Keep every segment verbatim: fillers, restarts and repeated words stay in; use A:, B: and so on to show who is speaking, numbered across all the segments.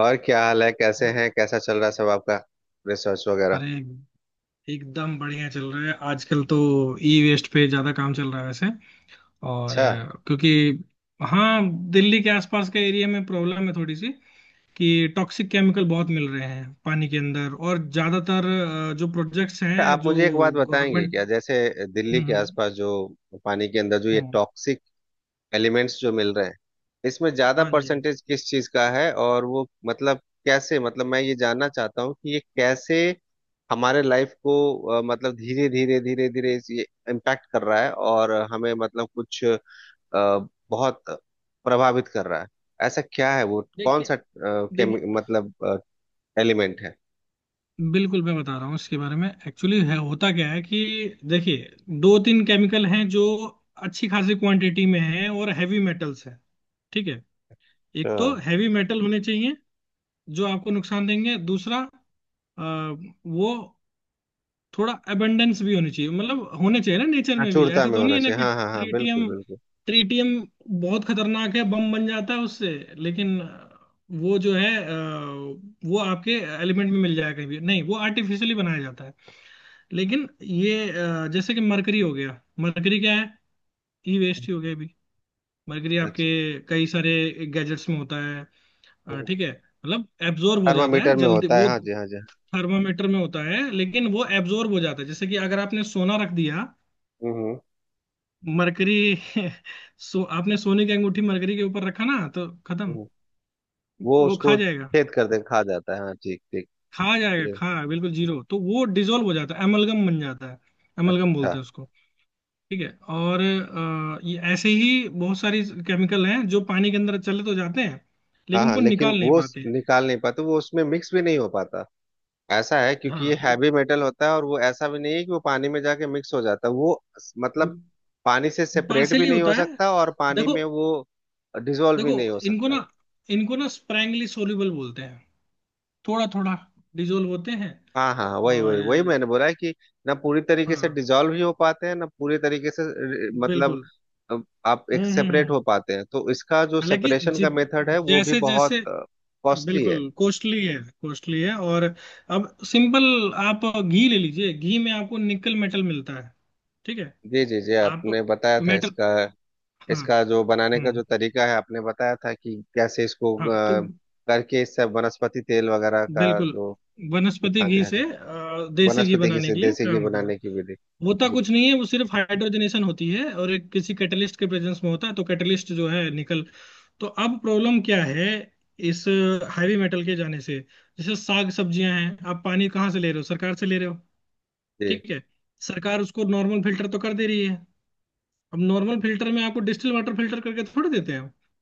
A: और क्या हाल है कैसे हैं कैसा चल रहा है सब आपका रिसर्च वगैरह।
B: अरे! एकदम बढ़िया चल रहा है आजकल तो। ई वेस्ट पे ज्यादा काम चल रहा है वैसे। और
A: अच्छा,
B: अ, क्योंकि हाँ, दिल्ली के आसपास के एरिया में प्रॉब्लम है थोड़ी सी, कि टॉक्सिक केमिकल बहुत मिल रहे हैं पानी के अंदर और ज्यादातर अ, जो प्रोजेक्ट्स
A: अच्छा,
B: हैं,
A: आप
B: जो
A: मुझे एक बात बताएंगे
B: गवर्नमेंट।
A: क्या जैसे दिल्ली
B: हम्म,
A: के
B: हम्म,
A: आसपास जो पानी के अंदर जो ये
B: हम्म।
A: टॉक्सिक एलिमेंट्स जो मिल रहे हैं इसमें ज्यादा
B: हाँ जी, हाँ जी।
A: परसेंटेज किस चीज का है और वो मतलब कैसे मतलब मैं ये जानना चाहता हूँ कि ये कैसे हमारे लाइफ को अ, मतलब धीरे धीरे धीरे धीरे इस- ये इम्पैक्ट कर रहा है और हमें मतलब कुछ अ, बहुत प्रभावित कर रहा है। ऐसा क्या है वो कौन
B: देखिए,
A: सा अ,
B: देखिए,
A: केमि- मतलब एलिमेंट है।
B: बिल्कुल मैं बता रहा हूँ इसके बारे में, एक्चुअली है होता क्या है कि, देखिए, दो तीन केमिकल हैं जो अच्छी खासी क्वांटिटी में हैं और हैवी मेटल्स हैं। ठीक है। एक तो
A: हाँ
B: हैवी मेटल होने चाहिए जो आपको नुकसान देंगे। दूसरा अ, वो थोड़ा अबंडेंस भी होनी चाहिए, मतलब होने चाहिए ना नेचर
A: हाँ,
B: में भी,
A: चूड़ता
B: ऐसा
A: में
B: तो नहीं
A: होना
B: है ना
A: चाहिए,
B: कि
A: हाँ हाँ हाँ, बिल्कुल
B: ट्रीटियम।
A: बिल्कुल।
B: ट्रीटियम बहुत खतरनाक है, बम बन जाता है उससे। लेकिन अ, वो जो है अ, वो आपके एलिमेंट में मिल जाएगा कहीं भी नहीं, वो आर्टिफिशियली बनाया जाता है। लेकिन ये अ, जैसे कि मरकरी हो गया। मरकरी क्या है? ई वेस्ट ही हो गया अभी। मरकरी आपके
A: अच्छा,
B: कई सारे गैजेट्स में होता है। अ, ठीक है, मतलब एब्जॉर्ब हो जाता है
A: थर्मामीटर में
B: जल्दी
A: होता है,
B: वो।
A: हाँ जी हाँ जी हाँ।
B: थर्मामीटर में होता है, लेकिन वो एब्जॉर्ब हो जाता है। जैसे कि अगर आपने सोना रख दिया
A: हम्म हम्म
B: मरकरी सो, आपने सोने की अंगूठी मरकरी के ऊपर रखा ना तो खत्म।
A: हम्म। वो
B: वो खा
A: उसको
B: जाएगा,
A: छेद कर दे खा जाता है, हाँ, ठीक ठीक।
B: खा जाएगा,
A: ये
B: खा बिल्कुल जीरो, तो वो डिजोल्व हो जाता है, एमलगम बन जाता है। एमलगम
A: अच्छा।
B: बोलते हैं उसको। ठीक है। और अ, ये ऐसे ही बहुत सारी केमिकल हैं जो पानी के अंदर चले तो जाते हैं,
A: हाँ
B: लेकिन
A: हाँ,
B: उनको
A: लेकिन
B: निकाल नहीं
A: वो स-
B: पाते हैं।
A: निकाल नहीं पाते, वो उसमें मिक्स भी नहीं हो पाता ऐसा है क्योंकि ये
B: हाँ,
A: हैवी मेटल होता है और वो ऐसा भी नहीं है कि वो पानी में जाके मिक्स हो जाता है, वो स- मतलब पानी से सेपरेट भी
B: पार्सली
A: नहीं हो
B: होता है।
A: सकता और पानी
B: देखो,
A: में वो डिजोल्व भी
B: देखो,
A: नहीं हो
B: इनको
A: सकता।
B: ना इनको ना स्प्रैंगली सोल्यूबल बोलते हैं। थोड़ा थोड़ा डिजोल्व होते हैं।
A: हाँ हाँ हाँ, वही वही वही
B: और
A: मैंने बोला है कि ना पूरी तरीके से
B: हाँ,
A: डिजॉल्व ही हो पाते हैं ना पूरी तरीके से अ, मतलब
B: बिल्कुल।
A: अ, आप एक
B: हम्म, हम्म,
A: सेपरेट
B: हम्म।
A: हो पाते हैं तो इसका जो
B: हालांकि
A: सेपरेशन का
B: जित
A: मेथड है वो भी
B: जैसे
A: बहुत
B: जैसे
A: कॉस्टली
B: बिल्कुल
A: है।
B: कॉस्टली है। कॉस्टली है। और अब सिंपल आप घी ले लीजिए, घी में आपको निकल मेटल मिलता है। ठीक है।
A: जी जी जी,
B: आप
A: आपने बताया था
B: मेटल।
A: इसका।
B: हाँ।
A: इसका जो बनाने का जो
B: हम्म।
A: तरीका है आपने बताया था कि कैसे इसको
B: हाँ तो
A: अ, करके इससे वनस्पति तेल वगैरह का
B: बिल्कुल
A: जो।
B: वनस्पति
A: हाँ जी
B: घी
A: हाँ
B: से
A: जी,
B: अ, देसी घी
A: वनस्पति की
B: बनाने
A: से
B: के लिए
A: देसी घी
B: काम होता है।
A: बनाने की विधि।
B: होता
A: जी
B: कुछ
A: जी
B: नहीं है, वो सिर्फ हाइड्रोजनेशन होती है और एक किसी कैटलिस्ट के प्रेजेंस में होता है, तो कैटलिस्ट जो है, निकल। तो अब प्रॉब्लम क्या है इस हैवी मेटल के जाने से? जैसे साग सब्जियां हैं, आप पानी कहाँ से ले रहे हो? सरकार से ले रहे हो।
A: जी।
B: ठीक है। सरकार उसको नॉर्मल फिल्टर तो कर दे रही है। अब नॉर्मल फिल्टर में आपको डिस्टिल वाटर फिल्टर करके थोड़ी देते हैं।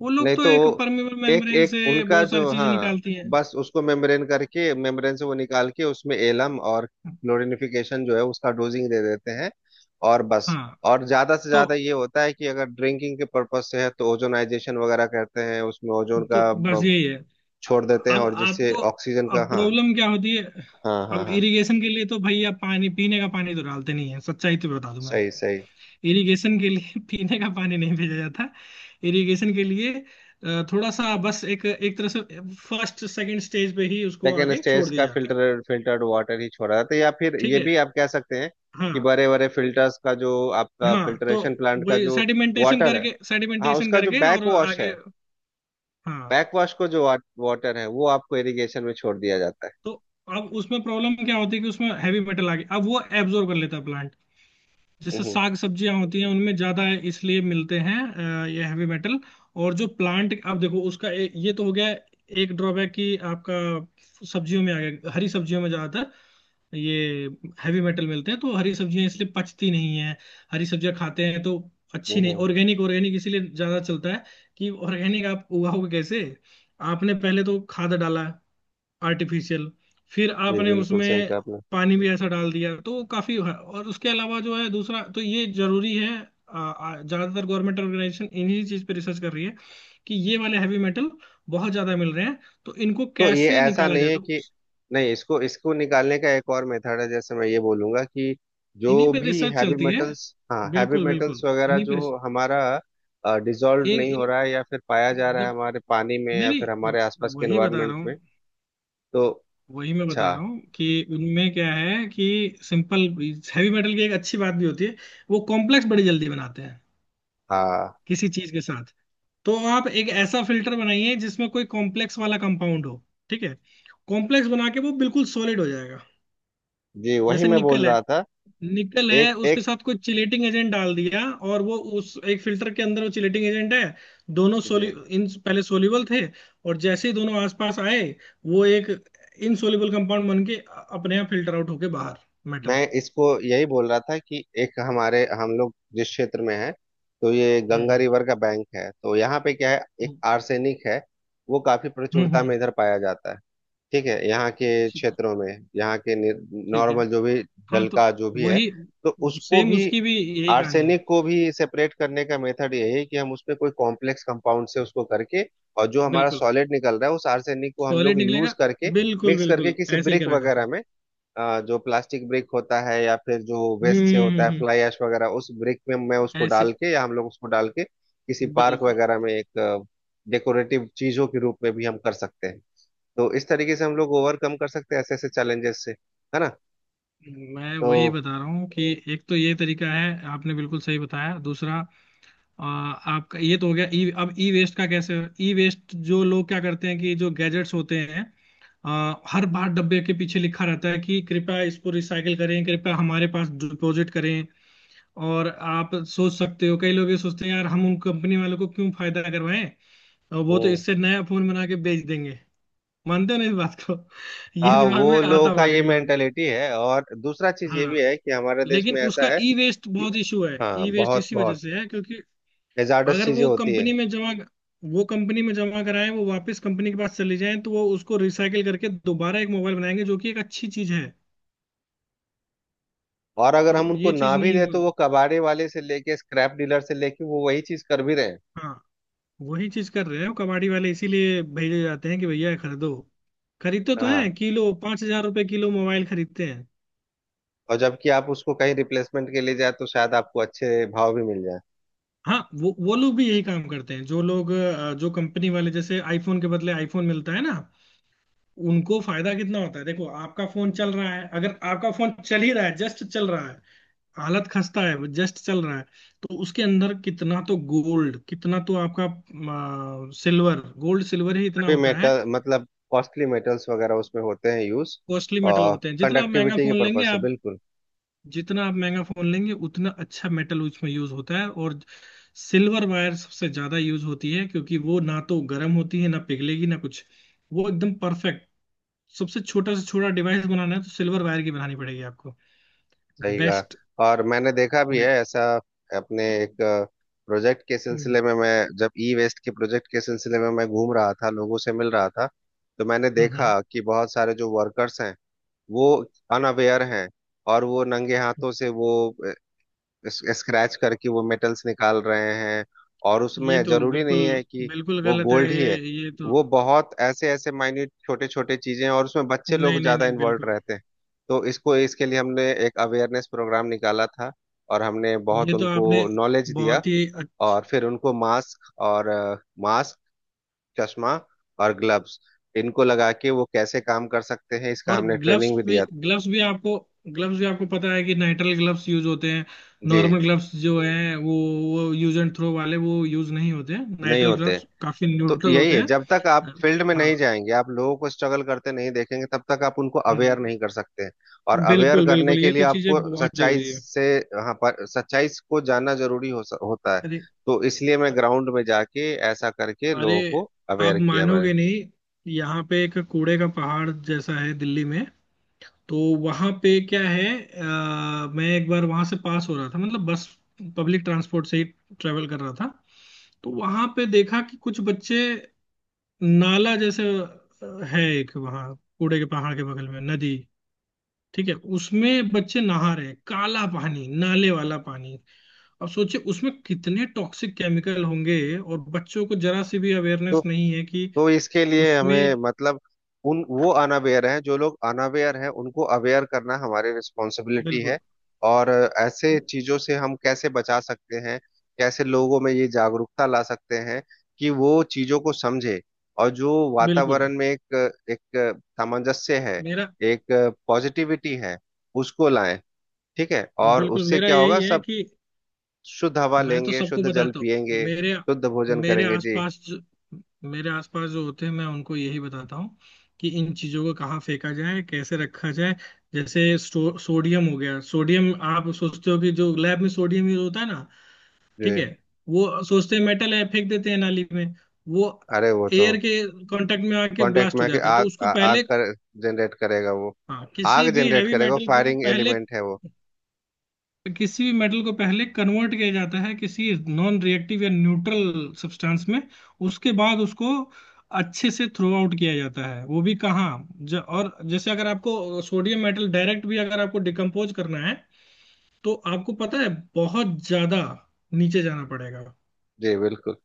B: वो लोग
A: नहीं
B: तो
A: तो
B: एक परमेबल
A: एक
B: मेम्ब्रेन
A: एक
B: से
A: उनका
B: बहुत सारी
A: जो,
B: चीजें
A: हाँ,
B: निकालती हैं।
A: बस उसको मेम्ब्रेन करके मेम्ब्रेन से वो निकाल के उसमें एलम और क्लोरिनिफिकेशन जो है उसका डोजिंग दे देते हैं, और बस।
B: हाँ
A: और ज्यादा से
B: तो
A: ज्यादा ये होता है कि अगर ड्रिंकिंग के पर्पज से है तो ओजोनाइजेशन वगैरह करते हैं उसमें ओजोन
B: तो
A: का
B: बस
A: ब-
B: यही है।
A: छोड़ देते हैं
B: अब
A: और जिससे
B: आपको
A: ऑक्सीजन का,
B: अब
A: हाँ।
B: प्रॉब्लम क्या होती है?
A: हाँ हाँ
B: अब
A: हाँ,
B: इरिगेशन के लिए तो भैया पानी, पीने का पानी तो डालते नहीं है। सच्चाई तो बता दूं मैं
A: सही
B: आपको,
A: सही।
B: इरिगेशन के लिए पीने का पानी नहीं भेजा जाता। इरिगेशन के लिए अ, थोड़ा सा बस एक एक तरह से फर्स्ट सेकंड स्टेज पे ही उसको
A: सेकेंड
B: आगे छोड़
A: स्टेज
B: दिया
A: का
B: जाता है।
A: फिल्टर फिल्टर्ड वाटर ही छोड़ा जाता है, तो या फिर
B: ठीक
A: ये
B: है।
A: भी आप कह सकते हैं कि
B: हाँ
A: बड़े बड़े फिल्टर्स का जो आपका
B: हाँ तो
A: फिल्ट्रेशन प्लांट का
B: वही
A: जो
B: सेडिमेंटेशन
A: वाटर है,
B: करके
A: हाँ,
B: सेडिमेंटेशन
A: उसका जो
B: करके और
A: बैक वॉश
B: आगे।
A: है,
B: हाँ
A: बैक वॉश को जो वाटर है वो आपको इरिगेशन में छोड़ दिया जाता है।
B: तो अब उसमें प्रॉब्लम क्या होती है कि उसमें हैवी मेटल आ गया, अब वो एब्जॉर्ब कर लेता है। जैसे
A: हम्म
B: साग सब्जियां होती हैं, उनमें ज्यादा इसलिए मिलते हैं अ, ये हैवी मेटल। और जो प्लांट आप देखो उसका ए, ये तो हो गया एक ड्रॉबैक कि आपका सब्जियों में आ गया। हरी सब्जियों में ज्यादातर ये हैवी मेटल मिलते हैं, तो हरी सब्जियां इसलिए पचती नहीं है। हरी सब्जियां खाते हैं तो अच्छी नहीं।
A: हम्म।
B: ऑर्गेनिक, ऑर्गेनिक इसीलिए ज्यादा चलता है कि ऑर्गेनिक आप उगाओगे कैसे? आपने पहले तो खाद डाला आर्टिफिशियल, फिर
A: जी,
B: आपने
A: बिल्कुल सही
B: उसमें
A: कहा आपने।
B: पानी भी ऐसा डाल दिया, तो वो काफी है। और उसके अलावा जो है दूसरा, तो ये जरूरी है। आ, आ, ज्यादातर गवर्नमेंट ऑर्गेनाइजेशन इन्हीं चीज पे रिसर्च कर रही है कि ये वाले हैवी मेटल बहुत ज्यादा मिल रहे हैं, तो इनको
A: तो ये
B: कैसे
A: ऐसा
B: निकाला
A: नहीं
B: जाए।
A: है
B: तो
A: कि, नहीं, इसको इसको निकालने का एक और मेथड है। जैसे मैं ये बोलूंगा कि
B: इन्हीं
A: जो
B: पे
A: भी
B: रिसर्च
A: हैवी
B: चलती है।
A: मेटल्स, हाँ हैवी
B: बिल्कुल,
A: मेटल्स
B: बिल्कुल
A: वगैरह
B: इन्हीं पे
A: जो
B: रिसर्च-
A: हमारा डिजॉल्व
B: इन,
A: नहीं हो
B: इन,
A: रहा है या फिर पाया जा रहा है
B: जब-
A: हमारे पानी में
B: नहीं
A: या फिर
B: नहीं,
A: हमारे आसपास के
B: वही बता रहा
A: एनवायरनमेंट
B: हूँ।
A: में तो
B: वही मैं बता
A: अच्छा।
B: रहा हूँ कि उनमें क्या है कि सिंपल, हैवी मेटल की एक अच्छी बात भी होती है, वो कॉम्प्लेक्स बड़ी जल्दी बनाते हैं
A: हाँ
B: किसी चीज के साथ। तो आप एक ऐसा फिल्टर बनाइए जिसमें कोई कॉम्प्लेक्स वाला कंपाउंड हो। ठीक है। कॉम्प्लेक्स बना के वो बिल्कुल सॉलिड हो जाएगा।
A: जी, वही
B: जैसे
A: मैं बोल
B: निकल है,
A: रहा था,
B: निकल है,
A: एक
B: उसके
A: एक,
B: साथ कोई चिलेटिंग एजेंट डाल दिया, और वो उस एक फिल्टर के अंदर वो चिलेटिंग एजेंट है। दोनों सोलि
A: जी,
B: इन पहले सोल्यूबल थे, और जैसे ही दोनों आसपास आए वो एक इनसोल्यूबल कंपाउंड बन के अपने आप फिल्टर आउट होके बाहर। मेटल।
A: मैं इसको यही बोल रहा था कि एक हमारे हम लोग जिस क्षेत्र में है तो ये गंगा
B: हम्म,
A: रिवर का बैंक है तो यहाँ पे क्या है एक
B: हम्म,
A: आर्सेनिक है, वो काफी
B: हम्म,
A: प्रचुरता में
B: हम्म।
A: इधर पाया जाता है, ठीक है यहाँ के
B: ठीक है,
A: क्षेत्रों में, यहाँ के
B: ठीक है।
A: नॉर्मल जो भी
B: हाँ
A: जल
B: तो
A: का जो भी है
B: वही,
A: तो उसको
B: सेम
A: भी
B: उसकी भी यही कहानी है।
A: आर्सेनिक को भी सेपरेट करने का मेथड यही है कि हम उसमें कोई कॉम्प्लेक्स कंपाउंड से उसको करके और जो हमारा
B: बिल्कुल,
A: सॉलिड निकल रहा है उस आर्सेनिक को हम
B: सॉलिड
A: लोग यूज
B: निकलेगा,
A: करके
B: बिल्कुल
A: मिक्स करके
B: बिल्कुल
A: किसी
B: ऐसे ही
A: ब्रिक
B: करा जाता
A: वगैरह
B: है।
A: में, अ, जो प्लास्टिक ब्रिक होता है या फिर जो
B: हम्म,
A: वेस्ट से होता
B: हम्म,
A: है
B: हम्म।
A: फ्लाई ऐश वगैरह उस ब्रिक में मैं उसको
B: ऐसे,
A: डाल के या हम लोग उसको डाल के किसी पार्क
B: बिल्कुल।
A: वगैरह में एक डेकोरेटिव चीजों के रूप में भी हम कर सकते हैं। तो इस तरीके से हम लोग ओवरकम कर सकते हैं ऐसे ऐसे चैलेंजेस से, है ना।
B: मैं वही
A: तो
B: बता रहा हूँ कि एक तो ये तरीका है, आपने बिल्कुल सही बताया। दूसरा आ, आपका ये तो हो गया। ई, अब ई वेस्ट का कैसे? ई वेस्ट जो लोग क्या करते हैं कि जो गैजेट्स होते हैं, आ, हर बार डब्बे के पीछे लिखा रहता है कि कृपया इसको रिसाइकिल करें, कृपया हमारे पास डिपॉजिट करें। और आप सोच सकते हो, कई लोग ये सोचते हैं यार हम उन कंपनी वालों को क्यों फायदा करवाएं, और वो तो
A: हम्म,
B: इससे नया फोन बना के बेच देंगे। मानते हो ना इस बात को? ये
A: हाँ,
B: दिमाग में
A: वो
B: आता
A: लोगों का
B: होगा
A: ये
B: कई लोग।
A: मेंटेलिटी है और दूसरा चीज ये
B: हाँ,
A: भी है कि हमारे देश
B: लेकिन
A: में ऐसा
B: उसका
A: है
B: ई वेस्ट
A: कि,
B: बहुत इशू है।
A: हाँ,
B: ई वेस्ट
A: बहुत
B: इसी वजह
A: बहुत
B: से है क्योंकि
A: हैजार्डस
B: अगर
A: चीजें
B: वो
A: होती है
B: कंपनी में जमा वो कंपनी में जमा कराएं, वो वापस कंपनी के पास चली जाएं, तो वो उसको रिसाइकिल करके दोबारा एक मोबाइल बनाएंगे, जो कि एक अच्छी चीज है।
A: और अगर
B: तो
A: हम उनको
B: ये
A: ना
B: चीज
A: भी
B: नहीं
A: दे
B: हो-
A: तो वो कबाड़े वाले से लेके स्क्रैप डीलर से लेके वो वही चीज कर भी रहे हैं,
B: हाँ, वही चीज कर रहे हैं वो कबाड़ी वाले, इसीलिए भेजे जाते हैं कि भैया ये खरीदो। खरीदते तो हैं,
A: हाँ।
B: किलो पांच हजार रुपए किलो मोबाइल खरीदते हैं।
A: और जबकि आप उसको कहीं रिप्लेसमेंट के लिए जाए तो शायद आपको अच्छे भाव भी मिल जाए,
B: हाँ, वो वो लोग भी यही काम करते हैं। जो लोग अ, जो कंपनी वाले, जैसे आईफोन के बदले आईफोन मिलता है ना, उनको फायदा कितना होता है देखो। आपका फोन चल रहा है, अगर आपका फोन चल ही रहा है, जस्ट चल रहा है, हालत खस्ता है वो जस्ट चल रहा है, तो उसके अंदर कितना तो गोल्ड, कितना तो आपका सिल्वर। गोल्ड सिल्वर ही इतना
A: भी
B: होता है।
A: मेटल मतलब कॉस्टली मेटल्स वगैरह उसमें होते हैं यूज
B: कॉस्टली मेटल
A: और
B: होते हैं। जितना आप महंगा
A: कंडक्टिविटी के
B: फोन लेंगे
A: पर्पज से
B: आप,
A: बिल्कुल।
B: जितना आप महंगा फोन लेंगे उतना अच्छा मेटल उसमें यूज होता है। और सिल्वर वायर सबसे ज्यादा यूज होती है क्योंकि वो ना तो गर्म होती है, ना पिघलेगी, ना कुछ। वो एकदम परफेक्ट। सबसे छोटा से छोटा डिवाइस बनाना है तो सिल्वर वायर की बनानी पड़ेगी आपको।
A: सही
B: बेस्ट।
A: कहा और मैंने देखा भी है
B: वेट।
A: ऐसा। अपने एक प्रोजेक्ट के
B: हम्म,
A: सिलसिले में मैं जब ई वेस्ट के प्रोजेक्ट के सिलसिले में मैं घूम रहा था लोगों से मिल रहा था तो मैंने
B: हम्म, हम्म।
A: देखा कि बहुत सारे जो वर्कर्स हैं वो अनअवेयर हैं और वो नंगे हाथों से वो स्क्रैच करके वो मेटल्स निकाल रहे हैं और
B: ये
A: उसमें
B: तो
A: जरूरी
B: बिल्कुल,
A: नहीं है कि
B: बिल्कुल
A: वो
B: गलत है
A: गोल्ड ही
B: ये।
A: है,
B: ये तो
A: वो बहुत ऐसे ऐसे माइन्यूट छोटे छोटे चीजें हैं और उसमें बच्चे
B: नहीं,
A: लोग
B: नहीं,
A: ज्यादा
B: नहीं,
A: इन्वॉल्व
B: बिल्कुल।
A: रहते हैं। तो इसको इसके लिए हमने एक अवेयरनेस प्रोग्राम निकाला था और हमने बहुत
B: ये तो
A: उनको
B: आपने
A: नॉलेज दिया
B: बहुत ही अ-
A: और फिर उनको मास्क और मास्क चश्मा और ग्लव्स, इनको लगा के वो कैसे काम कर सकते हैं इसका
B: और
A: हमने
B: ग्लव्स
A: ट्रेनिंग भी
B: भी,
A: दिया था।
B: ग्लव्स भी आपको, ग्लव्स भी आपको पता है कि नाइट्रिल ग्लव्स यूज होते हैं।
A: जी
B: नॉर्मल ग्लव्स जो हैं वो वो यूज एंड थ्रो वाले वो यूज नहीं होते हैं,
A: नहीं
B: नाइट्रिल
A: होते,
B: ग्लव्स काफी
A: तो
B: न्यूट्रल
A: यही
B: होते
A: है
B: हैं।
A: जब तक आप फील्ड में नहीं
B: हाँ।
A: जाएंगे आप लोगों को स्ट्रगल करते नहीं देखेंगे तब तक आप उनको अवेयर
B: हम्म।
A: नहीं कर सकते हैं और अवेयर
B: बिल्कुल,
A: करने
B: बिल्कुल,
A: के
B: ये
A: लिए
B: तो चीजें
A: आपको
B: बहुत
A: सच्चाई
B: जरूरी है।
A: से, हाँ, पर सच्चाई को जानना जरूरी हो, स- होता है,
B: अरे,
A: तो इसलिए मैं ग्राउंड में जाके ऐसा करके
B: अरे,
A: लोगों को
B: आप
A: अवेयर किया मैंने।
B: मानोगे नहीं, यहाँ पे एक कूड़े का पहाड़ जैसा है दिल्ली में। तो वहाँ पे क्या है अ, मैं एक बार वहाँ से पास हो रहा था, मतलब बस पब्लिक ट्रांसपोर्ट से ही ट्रेवल कर रहा था, तो वहाँ पे देखा कि कुछ बच्चे नाला जैसे अ, है एक वहाँ कूड़े के पहाड़ के बगल में नदी। ठीक है, उसमें बच्चे नहा रहे हैं। काला पानी, नाले वाला पानी। अब सोचिए उसमें कितने टॉक्सिक केमिकल होंगे, और बच्चों को जरा सी भी
A: तो
B: अवेयरनेस नहीं है कि
A: तो इसके लिए
B: उसमें।
A: हमें मतलब उन वो अनअवेयर हैं जो लोग अनअवेयर हैं उनको अवेयर करना हमारी रिस्पॉन्सिबिलिटी है।
B: बिल्कुल,
A: और ऐसे चीजों से हम कैसे बचा सकते हैं, कैसे लोगों में ये जागरूकता ला सकते हैं कि वो चीजों को समझे और जो
B: बिल्कुल।
A: वातावरण में एक एक सामंजस्य है,
B: मेरा
A: एक पॉजिटिविटी है, उसको लाएं, ठीक है। और
B: बिल्कुल
A: उससे
B: मेरा
A: क्या
B: यही
A: होगा,
B: है
A: सब
B: कि
A: शुद्ध हवा
B: मैं तो
A: लेंगे,
B: सबको
A: शुद्ध जल
B: बताता हूँ।
A: पिएंगे,
B: मेरे
A: शुद्ध भोजन
B: मेरे
A: करेंगे, जी।
B: आसपास जो, मेरे आसपास जो होते हैं मैं उनको यही बताता हूँ कि इन चीजों को कहाँ फेंका जाए, कैसे रखा जाए। जैसे सो, सोडियम हो गया। सोडियम, आप सोचते हो कि जो लैब में सोडियम यूज होता है ना?
A: जी,
B: ठीक है। वो सोचते हैं मेटल है, फेंक देते हैं नाली में। वो
A: अरे वो तो
B: एयर के कांटेक्ट में आके
A: कांटेक्ट
B: ब्लास्ट
A: में
B: हो
A: आके
B: जाता है, तो
A: आग आ,
B: उसको
A: आग
B: पहले,
A: कर जनरेट करेगा वो,
B: हाँ, किसी
A: आग
B: भी
A: जनरेट
B: हैवी
A: करेगा वो,
B: मेटल को
A: फायरिंग
B: पहले,
A: एलिमेंट है वो।
B: किसी भी मेटल को पहले कन्वर्ट किया जाता है किसी नॉन रिएक्टिव या न्यूट्रल सब्सटेंस में। उसके बाद उसको अच्छे से थ्रो आउट किया जाता है। वो भी कहाँ ज, और जैसे अगर आपको सोडियम मेटल डायरेक्ट भी अगर आपको डिकम्पोज करना है, तो आपको पता है बहुत ज्यादा नीचे जाना पड़ेगा।
A: जी बिल्कुल,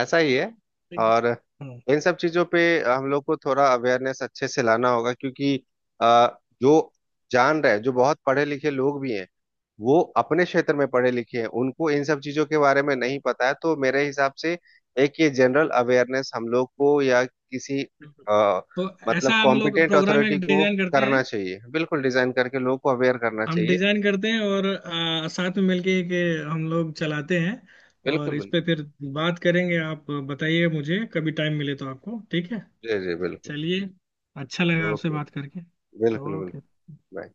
A: ऐसा ही है।
B: ठीक है।
A: और
B: हम्म।
A: इन सब चीजों पे हम लोग को थोड़ा अवेयरनेस अच्छे से लाना होगा क्योंकि अ, जो जान रहे जो बहुत पढ़े लिखे लोग भी हैं वो अपने क्षेत्र में पढ़े लिखे हैं उनको इन सब चीजों के बारे में नहीं पता है, तो मेरे हिसाब से एक ये जनरल अवेयरनेस हम लोग को या किसी आ,
B: तो ऐसा
A: मतलब
B: हम लोग
A: कॉम्पिटेंट
B: प्रोग्राम
A: अथॉरिटी
B: एक
A: को
B: डिजाइन करते
A: करना
B: हैं।
A: चाहिए, बिल्कुल, डिजाइन करके लोगों को अवेयर करना
B: हम
A: चाहिए,
B: डिजाइन करते हैं और आ, साथ में मिलके के हम लोग चलाते हैं। और
A: बिल्कुल
B: इस
A: बिल्कुल।
B: पे फिर बात करेंगे, आप बताइए मुझे कभी टाइम मिले तो आपको, ठीक है?
A: जी जी बिल्कुल।
B: चलिए, अच्छा लगा आपसे
A: ओके,
B: बात करके।
A: बिल्कुल
B: ओके।
A: बिल्कुल। Bye.